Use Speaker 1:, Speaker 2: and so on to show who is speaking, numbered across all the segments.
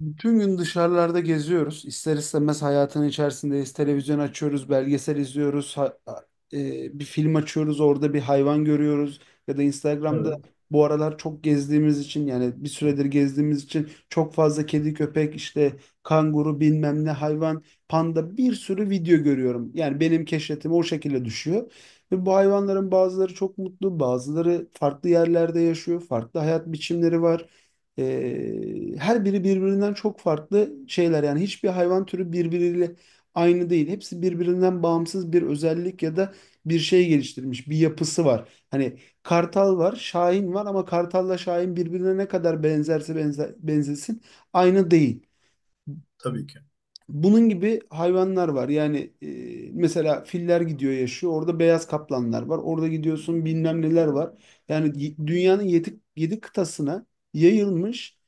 Speaker 1: Bütün gün dışarılarda geziyoruz. İster istemez hayatın içerisindeyiz. Televizyon açıyoruz, belgesel izliyoruz. Bir film açıyoruz, orada bir hayvan görüyoruz. Ya da Instagram'da
Speaker 2: Evet,
Speaker 1: bu aralar çok gezdiğimiz için, yani bir süredir gezdiğimiz için, çok fazla kedi, köpek, işte kanguru, bilmem ne hayvan, panda, bir sürü video görüyorum. Yani benim keşfetime o şekilde düşüyor. Ve bu hayvanların bazıları çok mutlu, bazıları farklı yerlerde yaşıyor, farklı hayat biçimleri var. Her biri birbirinden çok farklı şeyler. Yani hiçbir hayvan türü birbiriyle aynı değil. Hepsi birbirinden bağımsız bir özellik ya da bir şey geliştirmiş, bir yapısı var. Hani kartal var, şahin var, ama kartalla şahin birbirine ne kadar benzerse benzesin aynı değil.
Speaker 2: tabii ki.
Speaker 1: Bunun gibi hayvanlar var. Yani mesela filler gidiyor yaşıyor. Orada beyaz kaplanlar var. Orada gidiyorsun, bilmem neler var. Yani dünyanın yedi kıtasına yayılmış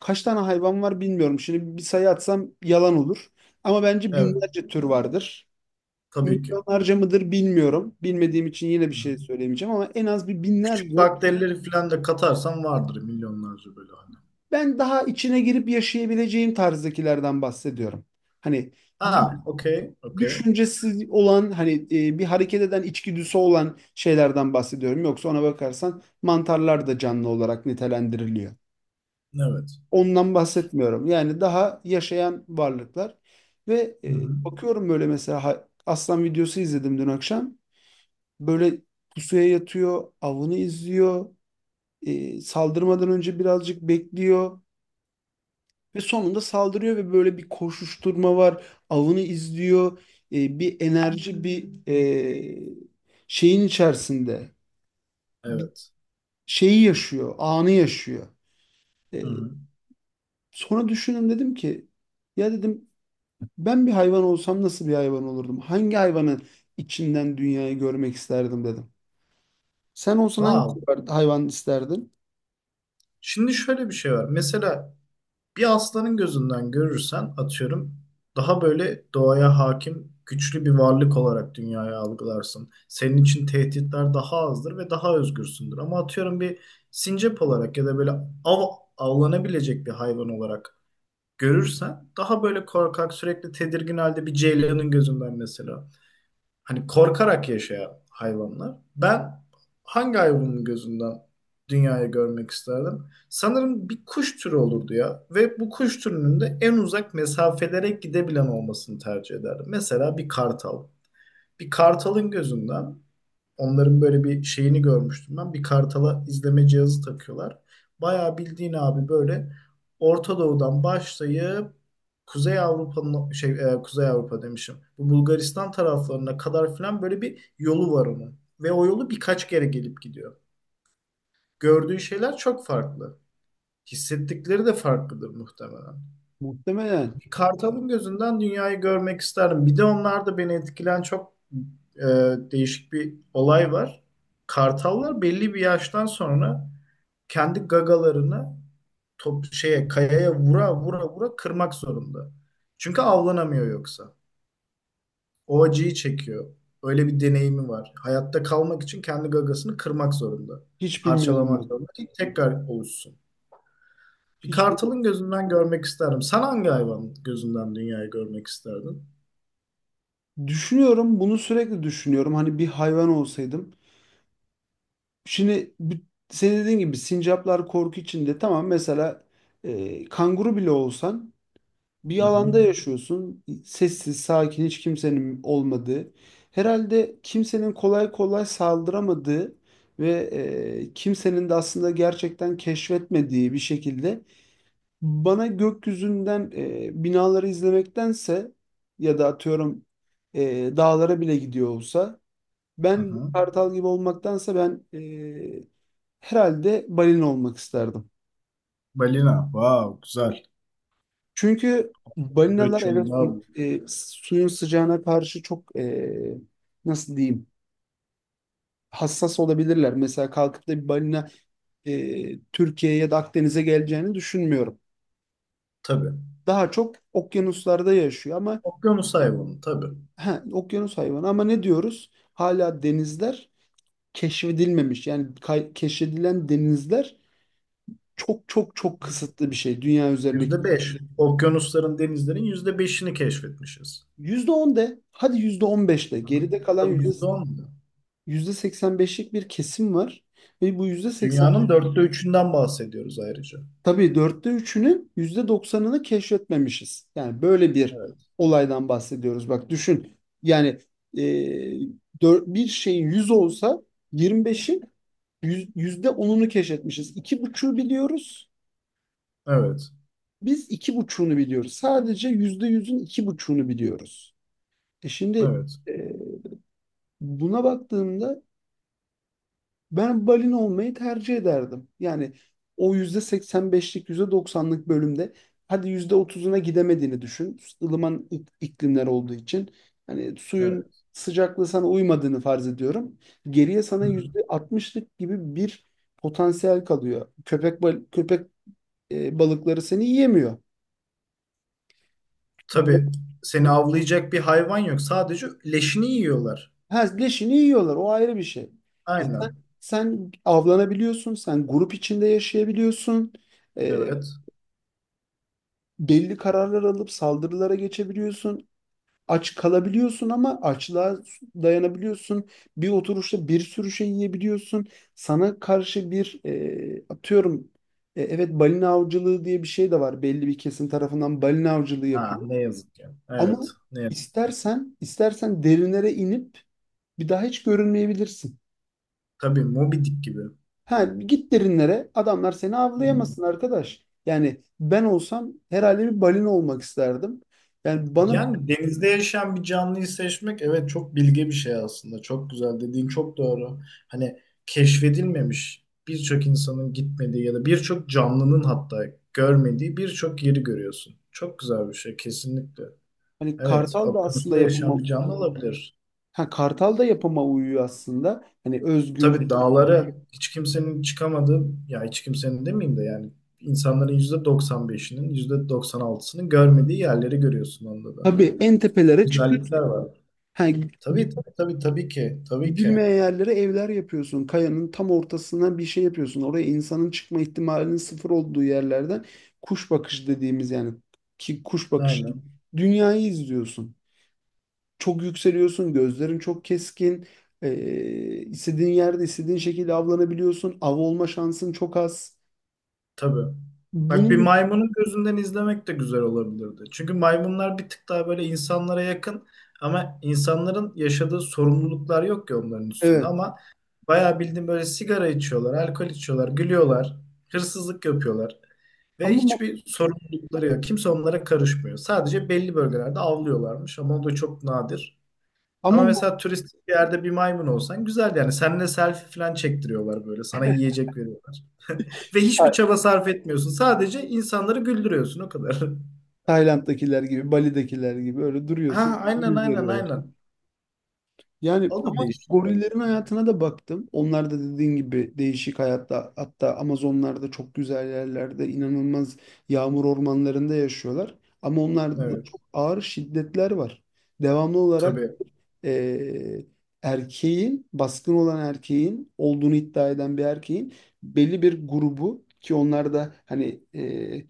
Speaker 1: kaç tane hayvan var bilmiyorum. Şimdi bir sayı atsam yalan olur. Ama bence
Speaker 2: Evet,
Speaker 1: binlerce tür vardır.
Speaker 2: tabii ki.
Speaker 1: Milyonlarca mıdır bilmiyorum. Bilmediğim için yine bir
Speaker 2: Hı.
Speaker 1: şey söylemeyeceğim, ama en az bir binlerce.
Speaker 2: Küçük bakterileri falan da katarsan vardır milyonlarca böyle hani.
Speaker 1: Ben daha içine girip yaşayabileceğim tarzdakilerden bahsediyorum. Hani
Speaker 2: Ha, okey, okey.
Speaker 1: düşüncesi olan, hani bir hareket eden, içgüdüsü olan şeylerden bahsediyorum. Yoksa ona bakarsan mantarlar da canlı olarak nitelendiriliyor.
Speaker 2: Evet.
Speaker 1: Ondan bahsetmiyorum. Yani daha yaşayan varlıklar. Ve
Speaker 2: Hı hı.
Speaker 1: bakıyorum böyle, mesela aslan videosu izledim dün akşam. Böyle pusuya yatıyor, avını izliyor, saldırmadan önce birazcık bekliyor. Ve sonunda saldırıyor ve böyle bir koşuşturma var. Avını izliyor. Bir enerji, bir şeyin içerisinde. Bir
Speaker 2: Evet.
Speaker 1: şeyi yaşıyor, anı yaşıyor. E,
Speaker 2: Hı hı.
Speaker 1: Sonra düşündüm, dedim ki, ya dedim, ben bir hayvan olsam nasıl bir hayvan olurdum? Hangi hayvanın içinden dünyayı görmek isterdim dedim. Sen olsan hangi
Speaker 2: Wow.
Speaker 1: hayvan isterdin?
Speaker 2: Şimdi şöyle bir şey var. Mesela bir aslanın gözünden görürsen atıyorum daha böyle doğaya hakim, güçlü bir varlık olarak dünyaya algılarsın. Senin için tehditler daha azdır ve daha özgürsündür. Ama atıyorum bir sincap olarak ya da böyle av avlanabilecek bir hayvan olarak görürsen daha böyle korkak sürekli tedirgin halde bir ceylanın gözünden mesela. Hani korkarak yaşayan hayvanlar. Ben hangi hayvanın gözünden dünyayı görmek isterdim? Sanırım bir kuş türü olurdu ya ve bu kuş türünün de en uzak mesafelere gidebilen olmasını tercih ederdim. Mesela bir kartal. Bir kartalın gözünden, onların böyle bir şeyini görmüştüm ben. Bir kartala izleme cihazı takıyorlar. Bayağı bildiğin abi böyle Orta Doğu'dan başlayıp Kuzey Avrupa'nın Kuzey Avrupa demişim. Bu Bulgaristan taraflarına kadar filan böyle bir yolu var onun. Ve o yolu birkaç kere gelip gidiyor. Gördüğü şeyler çok farklı. Hissettikleri de farklıdır muhtemelen.
Speaker 1: Muhtemelen.
Speaker 2: Kartal'ın gözünden dünyayı görmek isterdim. Bir de onlarda beni etkilen çok e, değişik bir olay var. Kartallar belli bir yaştan sonra kendi gagalarını top şeye kayaya vura vura vura kırmak zorunda. Çünkü avlanamıyor yoksa. O acıyı çekiyor. Öyle bir deneyimi var. Hayatta kalmak için kendi gagasını kırmak zorunda.
Speaker 1: Hiç bilmiyordum
Speaker 2: Parçalamak
Speaker 1: ben.
Speaker 2: zorunda ki tekrar oluşsun. Bir
Speaker 1: Hiç
Speaker 2: kartalın
Speaker 1: bilmiyordum.
Speaker 2: gözünden görmek isterdim. Sen hangi hayvanın gözünden dünyayı görmek isterdin?
Speaker 1: Düşünüyorum, bunu sürekli düşünüyorum. Hani bir hayvan olsaydım. Şimdi bu- Senin dediğin gibi sincaplar korku içinde, tamam, mesela kanguru bile olsan, bir
Speaker 2: Hı hı.
Speaker 1: alanda yaşıyorsun, sessiz sakin, hiç kimsenin olmadığı, herhalde kimsenin kolay kolay saldıramadığı ve kimsenin de aslında gerçekten keşfetmediği bir şekilde. Bana gökyüzünden binaları izlemektense, ya da atıyorum dağlara bile gidiyor olsa,
Speaker 2: Hı
Speaker 1: ben bir
Speaker 2: hı.
Speaker 1: kartal gibi olmaktansa, herhalde balina olmak isterdim.
Speaker 2: Balina. Wow, güzel.
Speaker 1: Çünkü balinalar,
Speaker 2: Göç yolu
Speaker 1: evet,
Speaker 2: daha büyük.
Speaker 1: suyun sıcağına karşı çok nasıl diyeyim, hassas olabilirler. Mesela kalkıp da bir balina Türkiye'ye ya da Akdeniz'e geleceğini düşünmüyorum.
Speaker 2: Tabii.
Speaker 1: Daha çok okyanuslarda yaşıyor. Ama
Speaker 2: Okyanus
Speaker 1: e,
Speaker 2: hayvanı tabii.
Speaker 1: ha, okyanus hayvanı, ama ne diyoruz? Hala denizler keşfedilmemiş. Yani keşfedilen denizler çok çok çok kısıtlı bir şey dünya
Speaker 2: Yüzde
Speaker 1: üzerindeki.
Speaker 2: beş. Okyanusların, denizlerin yüzde beşini keşfetmişiz.
Speaker 1: %10 de hadi, %15 de,
Speaker 2: Hı hı.
Speaker 1: geride kalan
Speaker 2: Tabii
Speaker 1: yüzde
Speaker 2: yüzde on mu?
Speaker 1: yüzde seksen beşlik bir kesim var. Ve bu %85.
Speaker 2: Dünyanın dörtte üçünden bahsediyoruz ayrıca.
Speaker 1: Tabii dörtte üçünün %90'ını keşfetmemişiz. Yani böyle bir
Speaker 2: Evet.
Speaker 1: olaydan bahsediyoruz. Bak düşün, yani e, bir şeyin 100 olsa, 25'in %10'unu keşfetmişiz. İki buçuğu biliyoruz.
Speaker 2: Evet.
Speaker 1: Biz iki buçuğunu biliyoruz. Sadece %100'ün iki buçuğunu biliyoruz. Şimdi
Speaker 2: Evet.
Speaker 1: e, buna baktığımda, ben olmayı tercih ederdim. Yani o %85'lik, %90'lık bölümde, hadi %30'una gidemediğini düşün, ılıman iklimler olduğu için. Hani suyun
Speaker 2: Evet.
Speaker 1: sıcaklığı sana uymadığını farz ediyorum. Geriye sana
Speaker 2: Hı hı.
Speaker 1: %60'lık gibi bir potansiyel kalıyor. Köpek balıkları seni yiyemiyor. Ba-
Speaker 2: Tabii, seni avlayacak bir hayvan yok. Sadece leşini yiyorlar.
Speaker 1: Ha, Leşini yiyorlar. O ayrı bir şey. E sen,
Speaker 2: Aynen.
Speaker 1: sen avlanabiliyorsun. Sen grup içinde yaşayabiliyorsun. E,
Speaker 2: Evet.
Speaker 1: Belli kararlar alıp saldırılara geçebiliyorsun. Aç kalabiliyorsun ama açlığa dayanabiliyorsun. Bir oturuşta bir sürü şey yiyebiliyorsun. Sana karşı bir e, atıyorum e, evet balina avcılığı diye bir şey de var. Belli bir kesim tarafından balina avcılığı
Speaker 2: Ha,
Speaker 1: yapıyor.
Speaker 2: ne yazık ki.
Speaker 1: Ama
Speaker 2: Evet. Ne yazık ki.
Speaker 1: istersen derinlere inip bir daha hiç görünmeyebilirsin.
Speaker 2: Tabii Moby Dick gibi.
Speaker 1: Ha, Git derinlere, adamlar seni
Speaker 2: Aynen.
Speaker 1: avlayamasın arkadaş. Yani ben olsam herhalde bir balina olmak isterdim. Yani bana
Speaker 2: Yani denizde yaşayan bir canlıyı seçmek, evet, çok bilge bir şey aslında. Çok güzel, dediğin çok doğru. Hani keşfedilmemiş birçok insanın gitmediği ya da birçok canlının hatta görmediği birçok yeri görüyorsun. Çok güzel bir şey kesinlikle.
Speaker 1: Hani
Speaker 2: Evet,
Speaker 1: Kartal da aslında
Speaker 2: okyanusta yaşayan
Speaker 1: yapıma
Speaker 2: bir canlı olabilir.
Speaker 1: ha, Kartal da yapıma uyuyor aslında. Hani özgür.
Speaker 2: Tabii dağlara hiç kimsenin çıkamadığı, ya hiç kimsenin demeyeyim de yani insanların %95'inin, %96'sının görmediği yerleri görüyorsun onda da.
Speaker 1: Tabii en tepelere çıkıyorsun.
Speaker 2: Güzellikler var.
Speaker 1: Ha, gi-
Speaker 2: Tabii tabii tabii tabii ki. Tabii ki.
Speaker 1: Gidilmeyen yerlere evler yapıyorsun. Kayanın tam ortasından bir şey yapıyorsun. Oraya insanın çıkma ihtimalinin sıfır olduğu yerlerden, kuş bakışı dediğimiz, yani ki kuş bakışı
Speaker 2: Aynen.
Speaker 1: dünyayı izliyorsun. Çok yükseliyorsun. Gözlerin çok keskin. İstediğin yerde, istediğin şekilde avlanabiliyorsun. Av olma şansın çok az.
Speaker 2: Tabii. Bak, bir
Speaker 1: Bunun
Speaker 2: maymunun gözünden izlemek de güzel olabilirdi. Çünkü maymunlar bir tık daha böyle insanlara yakın ama insanların yaşadığı sorumluluklar yok ki onların üstünde
Speaker 1: evet.
Speaker 2: ama bayağı bildiğin böyle sigara içiyorlar, alkol içiyorlar, gülüyorlar, hırsızlık yapıyorlar ve
Speaker 1: Ama
Speaker 2: hiçbir sorumlulukları yok. Kimse onlara karışmıyor. Sadece belli bölgelerde avlıyorlarmış ama o da çok nadir.
Speaker 1: Ama
Speaker 2: Ama
Speaker 1: bu
Speaker 2: mesela turistik bir yerde bir maymun olsan güzel yani. Seninle selfie falan çektiriyorlar böyle. Sana yiyecek veriyorlar. Ve hiçbir
Speaker 1: Tay-
Speaker 2: çaba sarf etmiyorsun. Sadece insanları güldürüyorsun o kadar.
Speaker 1: Tayland'dakiler gibi, Bali'dekiler gibi öyle
Speaker 2: Ha,
Speaker 1: duruyorsun.
Speaker 2: aynen
Speaker 1: Yüz
Speaker 2: aynen
Speaker 1: veriyorlar.
Speaker 2: aynen.
Speaker 1: Yani
Speaker 2: O
Speaker 1: ama
Speaker 2: da değişik olabilir.
Speaker 1: gorillerin hayatına da baktım. Onlar da dediğin gibi değişik hayatta, hatta Amazonlarda çok güzel yerlerde, inanılmaz yağmur ormanlarında yaşıyorlar. Ama onlarda da
Speaker 2: Evet,
Speaker 1: çok ağır şiddetler var. Devamlı olarak
Speaker 2: tabii,
Speaker 1: eee, erkeğin, baskın olan erkeğin olduğunu iddia eden bir erkeğin belli bir grubu, ki onlar da hani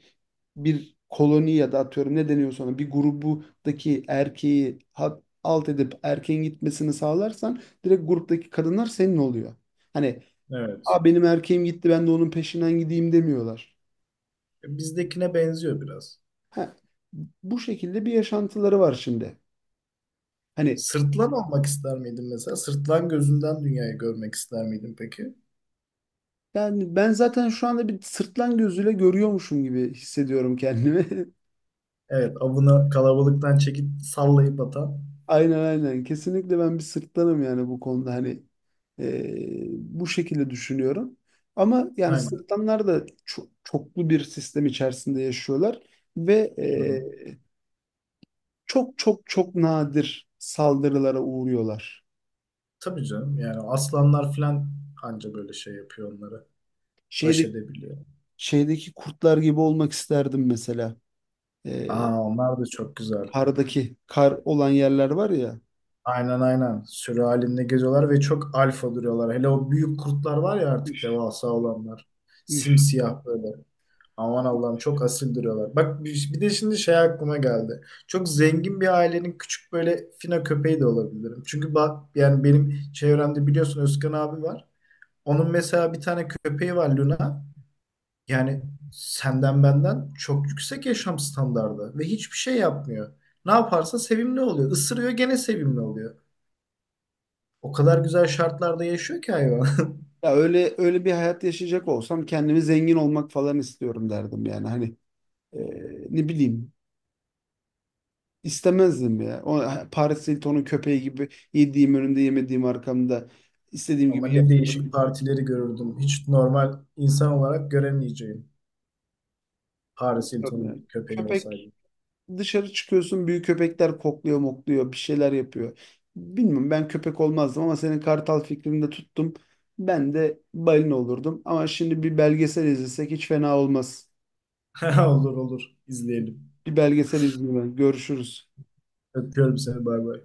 Speaker 1: bir koloni ya da atıyorum ne deniyorsa, ona bir grubudaki erkeği alt edip erkeğin gitmesini sağlarsan, direkt gruptaki kadınlar senin oluyor. Hani,
Speaker 2: evet.
Speaker 1: "Aa, benim erkeğim gitti, ben de onun peşinden gideyim," demiyorlar.
Speaker 2: Bizdekine benziyor biraz.
Speaker 1: Ha, Bu şekilde bir yaşantıları var şimdi. Hani
Speaker 2: Sırtlan olmak ister miydin mesela? Sırtlan gözünden dünyayı görmek ister miydin peki?
Speaker 1: ben zaten şu anda bir sırtlan gözüyle görüyormuşum gibi hissediyorum kendimi.
Speaker 2: Evet, avını kalabalıktan çekip sallayıp atan.
Speaker 1: Aynen, aynen. Kesinlikle ben bir sırtlanım yani, bu konuda hani bu şekilde düşünüyorum. Ama yani
Speaker 2: Aynen.
Speaker 1: sırtlanlar da çoklu bir sistem içerisinde yaşıyorlar ve
Speaker 2: Hı hı.
Speaker 1: çok çok çok nadir saldırılara uğruyorlar.
Speaker 2: Tabii canım, yani aslanlar falan anca böyle şey yapıyor onlara, baş
Speaker 1: Şeydeki,
Speaker 2: edebiliyor.
Speaker 1: şeydeki kurtlar gibi olmak isterdim mesela. Ee,
Speaker 2: Aa, onlar da çok güzel.
Speaker 1: Kardaki, kar olan yerler var ya.
Speaker 2: Aynen aynen. Sürü halinde geziyorlar ve çok alfa duruyorlar. Hele o büyük kurtlar var ya, artık
Speaker 1: Üf,
Speaker 2: devasa olanlar.
Speaker 1: üf.
Speaker 2: Simsiyah böyle. Aman Allah'ım çok asil duruyorlar. Bak, bir de şimdi şey aklıma geldi. Çok zengin bir ailenin küçük böyle fino köpeği de olabilirim. Çünkü bak, yani benim çevremde biliyorsun Özkan abi var. Onun mesela bir tane köpeği var, Luna. Yani senden benden çok yüksek yaşam standardı ve hiçbir şey yapmıyor. Ne yaparsa sevimli oluyor. Isırıyor, gene sevimli oluyor. O kadar güzel şartlarda yaşıyor ki hayvan.
Speaker 1: Ya, öyle öyle bir hayat yaşayacak olsam, kendimi zengin olmak falan istiyorum derdim yani. Hani e, ne bileyim, istemezdim ya. O Paris Hilton'un köpeği gibi, yediğim önümde yemediğim arkamda, istediğim
Speaker 2: Ama
Speaker 1: gibi
Speaker 2: ne değişik
Speaker 1: yapıyorum.
Speaker 2: partileri görürdüm. Hiç normal insan olarak göremeyeceğim. Paris
Speaker 1: Yani.
Speaker 2: Hilton'un köpeği olsaydı.
Speaker 1: Köpek Dışarı çıkıyorsun, büyük köpekler kokluyor mokluyor, bir şeyler yapıyor. Bilmiyorum, ben köpek olmazdım, ama senin kartal fikrini de tuttum. Ben de balina olurdum, ama şimdi bir belgesel izlesek hiç fena olmaz.
Speaker 2: Olur olur. İzleyelim.
Speaker 1: Bir belgesel izleyelim. Görüşürüz.
Speaker 2: Öpüyorum seni. Bay bay.